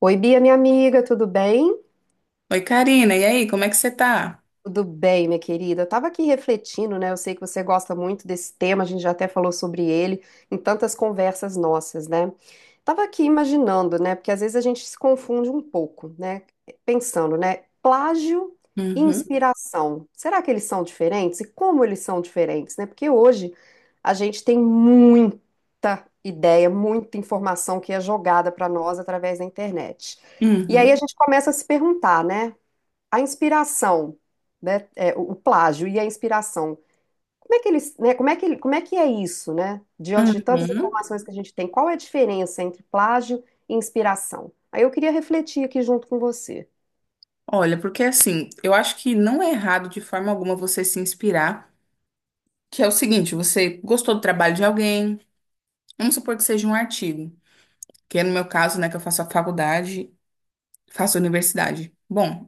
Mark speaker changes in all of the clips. Speaker 1: Oi, Bia, minha amiga, tudo bem?
Speaker 2: Oi, Karina, e aí, como é que você tá?
Speaker 1: Tudo bem, minha querida. Eu tava aqui refletindo, né? Eu sei que você gosta muito desse tema, a gente já até falou sobre ele em tantas conversas nossas, né? Tava aqui imaginando, né? Porque às vezes a gente se confunde um pouco, né? Pensando, né? Plágio e
Speaker 2: Uhum,
Speaker 1: inspiração. Será que eles são diferentes? E como eles são diferentes, né? Porque hoje a gente tem muita ideia, muita informação que é jogada para nós através da internet. E aí
Speaker 2: uhum,
Speaker 1: a gente começa a se perguntar, né? A inspiração, o plágio e a inspiração. Como é que eles, né, como é que, como é que é isso, né? Diante de tantas
Speaker 2: uhum.
Speaker 1: informações que a gente tem, qual é a diferença entre plágio e inspiração? Aí eu queria refletir aqui junto com você.
Speaker 2: Olha, porque assim, eu acho que não é errado de forma alguma você se inspirar, que é o seguinte, você gostou do trabalho de alguém, vamos supor que seja um artigo, que é no meu caso, né, que eu faço a faculdade, faço a universidade. Bom,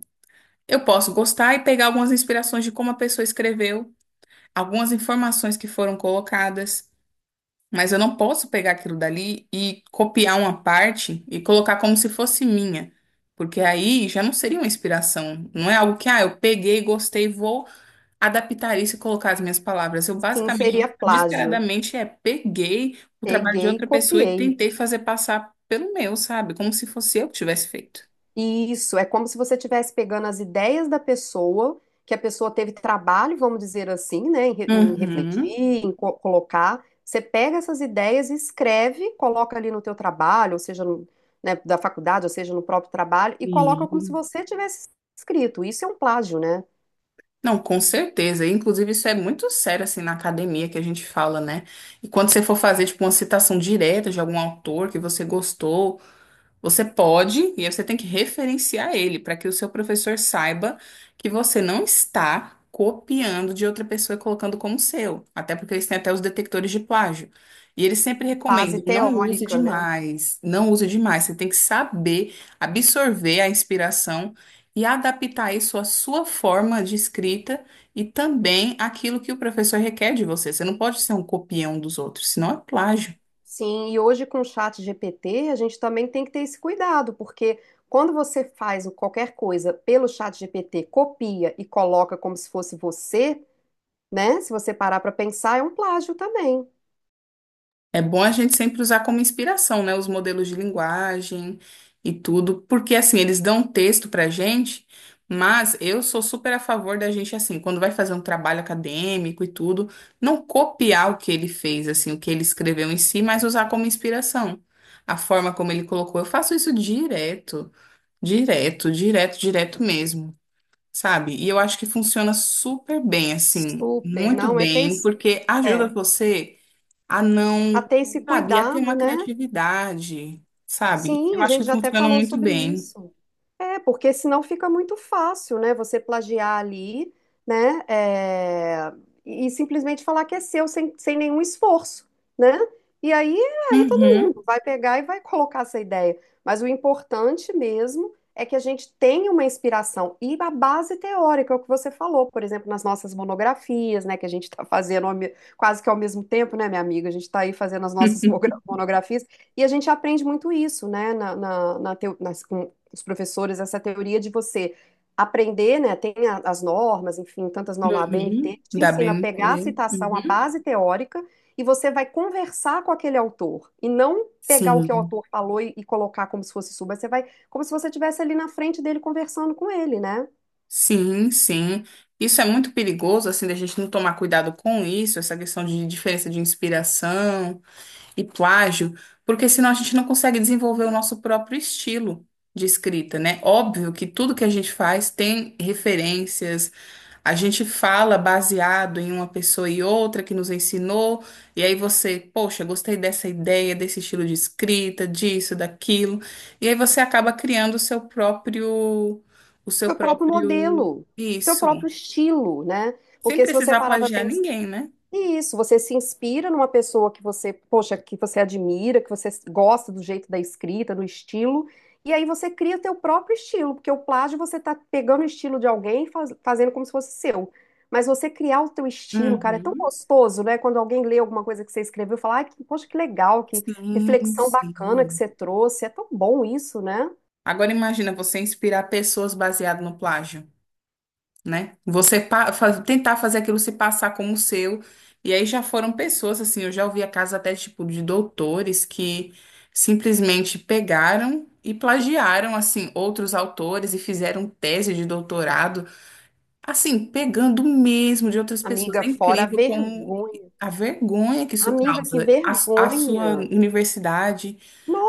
Speaker 2: eu posso gostar e pegar algumas inspirações de como a pessoa escreveu, algumas informações que foram colocadas. Mas eu não posso pegar aquilo dali e copiar uma parte e colocar como se fosse minha. Porque aí já não seria uma inspiração. Não é algo que, ah, eu peguei, gostei, vou adaptar isso e colocar as minhas palavras. Eu
Speaker 1: Sim,
Speaker 2: basicamente,
Speaker 1: seria plágio.
Speaker 2: desesperadamente, peguei o trabalho de
Speaker 1: Peguei e
Speaker 2: outra pessoa e
Speaker 1: copiei.
Speaker 2: tentei fazer passar pelo meu, sabe? Como se fosse eu que tivesse feito.
Speaker 1: Isso, é como se você estivesse pegando as ideias da pessoa, que a pessoa teve trabalho, vamos dizer assim, né, em
Speaker 2: Uhum.
Speaker 1: refletir, em colocar. Você pega essas ideias e escreve, coloca ali no teu trabalho, ou seja, né, da faculdade, ou seja, no próprio trabalho, e coloca como se
Speaker 2: Sim.
Speaker 1: você tivesse escrito. Isso é um plágio, né?
Speaker 2: Não, com certeza. E, inclusive, isso é muito sério, assim, na academia que a gente fala, né? E quando você for fazer, tipo, uma citação direta de algum autor que você gostou, você pode, e aí você tem que referenciar ele para que o seu professor saiba que você não está copiando de outra pessoa e colocando como seu. Até porque eles têm até os detectores de plágio. E eles sempre
Speaker 1: Base
Speaker 2: recomendam, não use
Speaker 1: teórica, né?
Speaker 2: demais, não use demais. Você tem que saber absorver a inspiração e adaptar isso à sua forma de escrita e também àquilo que o professor requer de você. Você não pode ser um copião dos outros, senão é plágio.
Speaker 1: Sim, e hoje com o chat GPT, a gente também tem que ter esse cuidado, porque quando você faz qualquer coisa pelo chat GPT, copia e coloca como se fosse você, né? Se você parar para pensar, é um plágio também.
Speaker 2: É bom a gente sempre usar como inspiração, né, os modelos de linguagem e tudo, porque assim, eles dão um texto pra gente, mas eu sou super a favor da gente assim, quando vai fazer um trabalho acadêmico e tudo, não copiar o que ele fez, assim, o que ele escreveu em si, mas usar como inspiração. A forma como ele colocou, eu faço isso direto, direto, direto, direto mesmo. Sabe? E eu acho que funciona super bem, assim,
Speaker 1: Super,
Speaker 2: muito
Speaker 1: não, é ter,
Speaker 2: bem, porque ajuda
Speaker 1: é,
Speaker 2: você a
Speaker 1: a
Speaker 2: não,
Speaker 1: ter esse
Speaker 2: sabe, a ter
Speaker 1: cuidado,
Speaker 2: uma
Speaker 1: né?
Speaker 2: criatividade, sabe?
Speaker 1: Sim,
Speaker 2: Eu
Speaker 1: a
Speaker 2: acho
Speaker 1: gente
Speaker 2: que
Speaker 1: já até
Speaker 2: funciona
Speaker 1: falou
Speaker 2: muito
Speaker 1: sobre
Speaker 2: bem.
Speaker 1: isso. É, porque senão fica muito fácil, né? Você plagiar ali, né? é, e simplesmente falar que é seu sem, sem nenhum esforço, né? E aí, aí todo
Speaker 2: Uhum,
Speaker 1: mundo vai pegar e vai colocar essa ideia. Mas o importante mesmo é que a gente tenha uma inspiração e a base teórica, é o que você falou, por exemplo, nas nossas monografias, né? Que a gente está fazendo ao quase que ao mesmo tempo, né, minha amiga? A gente está aí fazendo as nossas monografias. E a gente aprende muito isso, né, com os professores, essa teoria de você aprender, né, tem as normas, enfim, tantas normas, a
Speaker 2: uhum,
Speaker 1: ABNT, que te
Speaker 2: da
Speaker 1: ensina a
Speaker 2: BNT.
Speaker 1: pegar a citação, a
Speaker 2: Uhum.
Speaker 1: base teórica, e você vai conversar com aquele autor, e não pegar o que o
Speaker 2: Sim,
Speaker 1: autor falou e colocar como se fosse sua, mas você vai, como se você estivesse ali na frente dele conversando com ele, né?
Speaker 2: sim, sim. Isso é muito perigoso, assim, da gente não tomar cuidado com isso, essa questão de diferença de inspiração e plágio, porque senão a gente não consegue desenvolver o nosso próprio estilo de escrita, né? Óbvio que tudo que a gente faz tem referências, a gente fala baseado em uma pessoa e outra que nos ensinou, e aí você, poxa, gostei dessa ideia, desse estilo de escrita, disso, daquilo, e aí você acaba criando o seu
Speaker 1: Seu próprio
Speaker 2: próprio
Speaker 1: modelo, seu
Speaker 2: isso,
Speaker 1: próprio estilo, né?
Speaker 2: sem
Speaker 1: Porque se você
Speaker 2: precisar
Speaker 1: parar para
Speaker 2: plagiar ninguém, né?
Speaker 1: isso, você se inspira numa pessoa que você, poxa, que você admira, que você gosta do jeito da escrita, do estilo, e aí você cria teu próprio estilo, porque o plágio você tá pegando o estilo de alguém e fazendo como se fosse seu. Mas você criar o teu estilo, cara, é tão
Speaker 2: Uhum.
Speaker 1: gostoso, né? Quando alguém lê alguma coisa que você escreveu, e fala, ai, poxa, que legal, que
Speaker 2: Sim,
Speaker 1: reflexão bacana que
Speaker 2: sim.
Speaker 1: você trouxe. É tão bom isso, né?
Speaker 2: Agora imagina você inspirar pessoas baseado no plágio, né? Você tentar fazer aquilo se passar como seu. E aí já foram pessoas, assim, eu já ouvi casos até tipo de doutores que simplesmente pegaram e plagiaram, assim, outros autores e fizeram tese de doutorado assim, pegando mesmo de outras pessoas.
Speaker 1: Amiga,
Speaker 2: É
Speaker 1: fora a
Speaker 2: incrível como
Speaker 1: vergonha.
Speaker 2: a vergonha que isso
Speaker 1: Amiga, que
Speaker 2: causa à sua
Speaker 1: vergonha.
Speaker 2: universidade,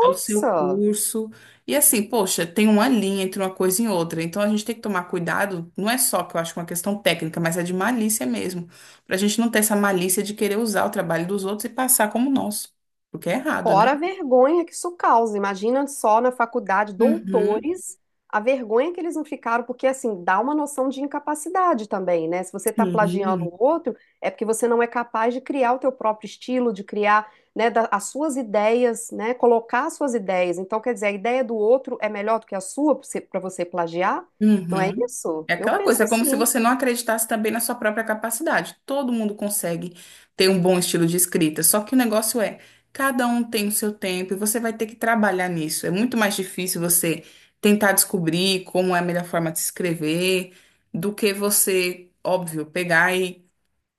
Speaker 2: ao seu curso. E assim, poxa, tem uma linha entre uma coisa e outra. Então a gente tem que tomar cuidado, não é só que eu acho que é uma questão técnica, mas é de malícia mesmo. Para a gente não ter essa malícia de querer usar o trabalho dos outros e passar como nosso. Porque é errado, né?
Speaker 1: Fora a vergonha que isso causa. Imagina só na faculdade,
Speaker 2: Uhum.
Speaker 1: doutores, a vergonha que eles não ficaram, porque assim, dá uma noção de incapacidade também, né? Se você está plagiando
Speaker 2: Sim.
Speaker 1: o outro, é porque você não é capaz de criar o teu próprio estilo, de criar, né, as suas ideias, né? Colocar as suas ideias. Então, quer dizer, a ideia do outro é melhor do que a sua para você pra você plagiar? Não é
Speaker 2: Uhum.
Speaker 1: isso?
Speaker 2: É
Speaker 1: Eu
Speaker 2: aquela
Speaker 1: penso
Speaker 2: coisa, é como se
Speaker 1: assim,
Speaker 2: você não acreditasse também na sua própria capacidade. Todo mundo consegue ter um bom estilo de escrita, só que o negócio é, cada um tem o seu tempo e você vai ter que trabalhar nisso. É muito mais difícil você tentar descobrir como é a melhor forma de se escrever do que você, óbvio, pegar e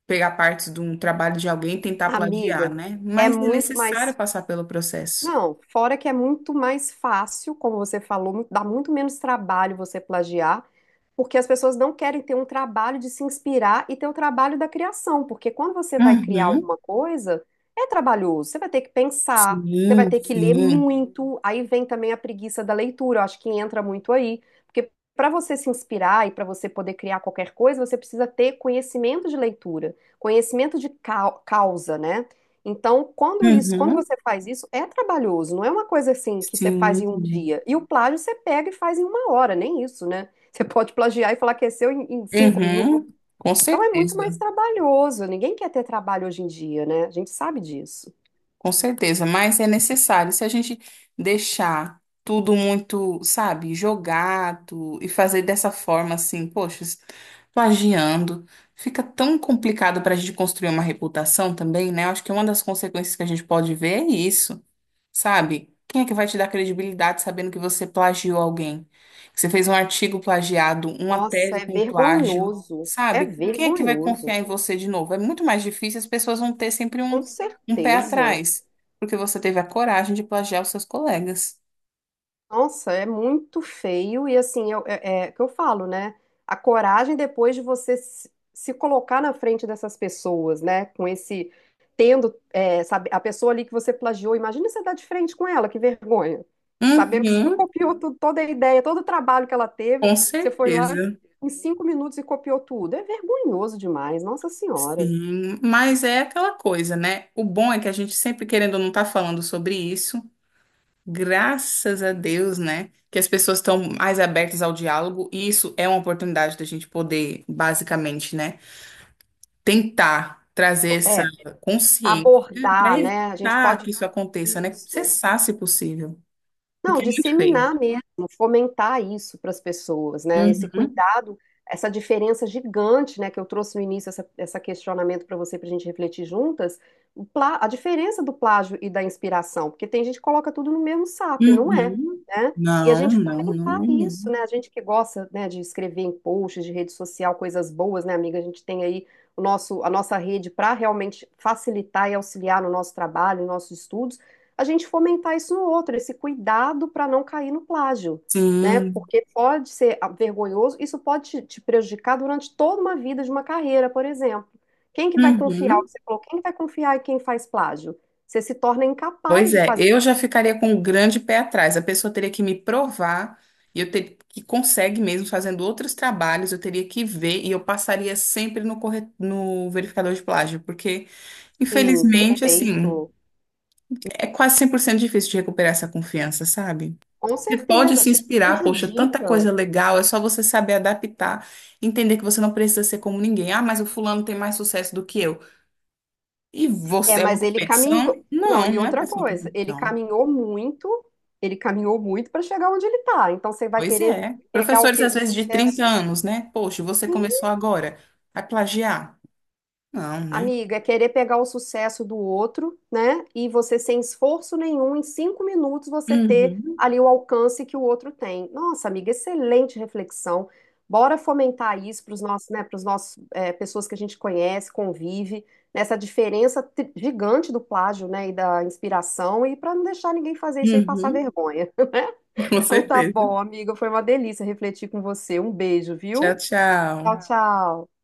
Speaker 2: pegar partes de um trabalho de alguém e tentar plagiar,
Speaker 1: amiga.
Speaker 2: né?
Speaker 1: É
Speaker 2: Mas é
Speaker 1: muito
Speaker 2: necessário
Speaker 1: mais
Speaker 2: passar pelo processo.
Speaker 1: não, fora que é muito mais fácil, como você falou, dá muito menos trabalho você plagiar porque as pessoas não querem ter um trabalho de se inspirar e ter o trabalho da criação, porque quando você vai criar
Speaker 2: Uhum.
Speaker 1: alguma coisa, é trabalhoso, você vai ter que pensar, você vai
Speaker 2: Sim,
Speaker 1: ter que ler
Speaker 2: sim.
Speaker 1: muito, aí vem também a preguiça da leitura, eu acho que entra muito aí, porque para você se inspirar e para você poder criar qualquer coisa, você precisa ter conhecimento de leitura, conhecimento de causa, né? Então, quando isso, quando
Speaker 2: Uhum.
Speaker 1: você faz isso, é trabalhoso, não é uma coisa assim que você faz em um
Speaker 2: Sim.
Speaker 1: dia. E o plágio você pega e faz em uma hora, nem isso, né? Você pode plagiar e falar que é seu em, em 5 minutos.
Speaker 2: Uhum, com
Speaker 1: Então é muito mais
Speaker 2: certeza,
Speaker 1: trabalhoso. Ninguém quer ter trabalho hoje em dia, né? A gente sabe disso.
Speaker 2: com certeza, mas é necessário. Se a gente deixar tudo muito, sabe, jogado e fazer dessa forma assim, poxa, plagiando, fica tão complicado para a gente construir uma reputação também, né? Eu acho que uma das consequências que a gente pode ver é isso. Sabe? Quem é que vai te dar credibilidade sabendo que você plagiou alguém? Que você fez um artigo plagiado, uma
Speaker 1: Nossa,
Speaker 2: tese
Speaker 1: é
Speaker 2: com plágio,
Speaker 1: vergonhoso. É
Speaker 2: sabe? Quem é que vai confiar
Speaker 1: vergonhoso.
Speaker 2: em você de novo? É muito mais difícil, as pessoas vão ter sempre
Speaker 1: Com
Speaker 2: um pé
Speaker 1: certeza.
Speaker 2: atrás, porque você teve a coragem de plagiar os seus colegas.
Speaker 1: Nossa, é muito feio e assim, é o que eu falo, né? A coragem depois de você se, se colocar na frente dessas pessoas, né? Com esse, tendo, é, sabe, a pessoa ali que você plagiou, imagina você dar de frente com ela, que vergonha. Sabendo que você
Speaker 2: Uhum,
Speaker 1: copiou tudo, toda a ideia, todo o trabalho que ela teve,
Speaker 2: com
Speaker 1: você foi lá
Speaker 2: certeza.
Speaker 1: em 5 minutos e copiou tudo. É vergonhoso demais, Nossa Senhora.
Speaker 2: Sim, mas é aquela coisa, né? O bom é que a gente sempre, querendo ou não, tá falando sobre isso. Graças a Deus, né? Que as pessoas estão mais abertas ao diálogo, e isso é uma oportunidade da gente poder, basicamente, né, tentar trazer essa
Speaker 1: É,
Speaker 2: consciência para
Speaker 1: abordar, né? A gente
Speaker 2: evitar
Speaker 1: pode.
Speaker 2: que isso aconteça, né?
Speaker 1: Isso.
Speaker 2: Cessar, se possível,
Speaker 1: Não,
Speaker 2: porque é muito feio.
Speaker 1: disseminar mesmo, fomentar isso para as pessoas, né? Esse
Speaker 2: Uhum,
Speaker 1: cuidado, essa diferença gigante, né, que eu trouxe no início, essa questionamento para você, para a gente refletir juntas, a diferença do plágio e da inspiração, porque tem gente que coloca tudo no mesmo saco e não é,
Speaker 2: uhum.
Speaker 1: né? E a
Speaker 2: Não,
Speaker 1: gente
Speaker 2: não, não,
Speaker 1: fomentar isso,
Speaker 2: não.
Speaker 1: né? A gente que gosta, né, de escrever em posts, de rede social, coisas boas, né, amiga? A gente tem aí o nosso, a nossa rede para realmente facilitar e auxiliar no nosso trabalho, nos nossos estudos a gente fomentar isso no outro, esse cuidado para não cair no plágio, né?
Speaker 2: Sim.
Speaker 1: Porque pode ser ah, vergonhoso, isso pode te, te prejudicar durante toda uma vida de uma carreira, por exemplo. Quem que vai confiar?
Speaker 2: Uhum.
Speaker 1: Você falou, quem que vai confiar em quem faz plágio? Você se torna
Speaker 2: Pois
Speaker 1: incapaz de
Speaker 2: é,
Speaker 1: fazer.
Speaker 2: eu já ficaria com um grande pé atrás. A pessoa teria que me provar, e eu teria que consegue mesmo fazendo outros trabalhos, eu teria que ver e eu passaria sempre no, no verificador de plágio, porque
Speaker 1: Sim,
Speaker 2: infelizmente, assim,
Speaker 1: perfeito.
Speaker 2: é quase 100% difícil de recuperar essa confiança, sabe?
Speaker 1: Com
Speaker 2: Você pode
Speaker 1: certeza,
Speaker 2: se
Speaker 1: te
Speaker 2: inspirar, poxa, tanta
Speaker 1: prejudica.
Speaker 2: coisa legal, é só você saber adaptar, entender que você não precisa ser como ninguém. Ah, mas o fulano tem mais sucesso do que eu. E
Speaker 1: É,
Speaker 2: você é uma
Speaker 1: mas ele caminhou.
Speaker 2: competição?
Speaker 1: Não,
Speaker 2: Não,
Speaker 1: e
Speaker 2: não é
Speaker 1: outra
Speaker 2: pra ser uma
Speaker 1: coisa,
Speaker 2: competição.
Speaker 1: ele caminhou muito para chegar onde ele está. Então você vai
Speaker 2: Pois
Speaker 1: querer
Speaker 2: é.
Speaker 1: pegar o
Speaker 2: Professores,
Speaker 1: quê?
Speaker 2: às
Speaker 1: O
Speaker 2: vezes, de 30
Speaker 1: sucesso?
Speaker 2: anos, né? Poxa, você
Speaker 1: Sim,
Speaker 2: começou agora a plagiar? Não, né?
Speaker 1: amiga, é querer pegar o sucesso do outro, né? E você, sem esforço nenhum, em 5 minutos, você ter
Speaker 2: Uhum,
Speaker 1: ali o alcance que o outro tem. Nossa, amiga, excelente reflexão. Bora fomentar isso para os nossos, né, para os nossos, é, pessoas que a gente conhece, convive, nessa diferença gigante do plágio, né, e da inspiração, e para não deixar ninguém fazer isso aí e passar
Speaker 2: uhum,
Speaker 1: vergonha, né?
Speaker 2: com
Speaker 1: Então tá
Speaker 2: certeza.
Speaker 1: bom, amiga, foi uma delícia refletir com você. Um beijo,
Speaker 2: Tchau,
Speaker 1: viu? Tchau,
Speaker 2: tchau.
Speaker 1: tchau.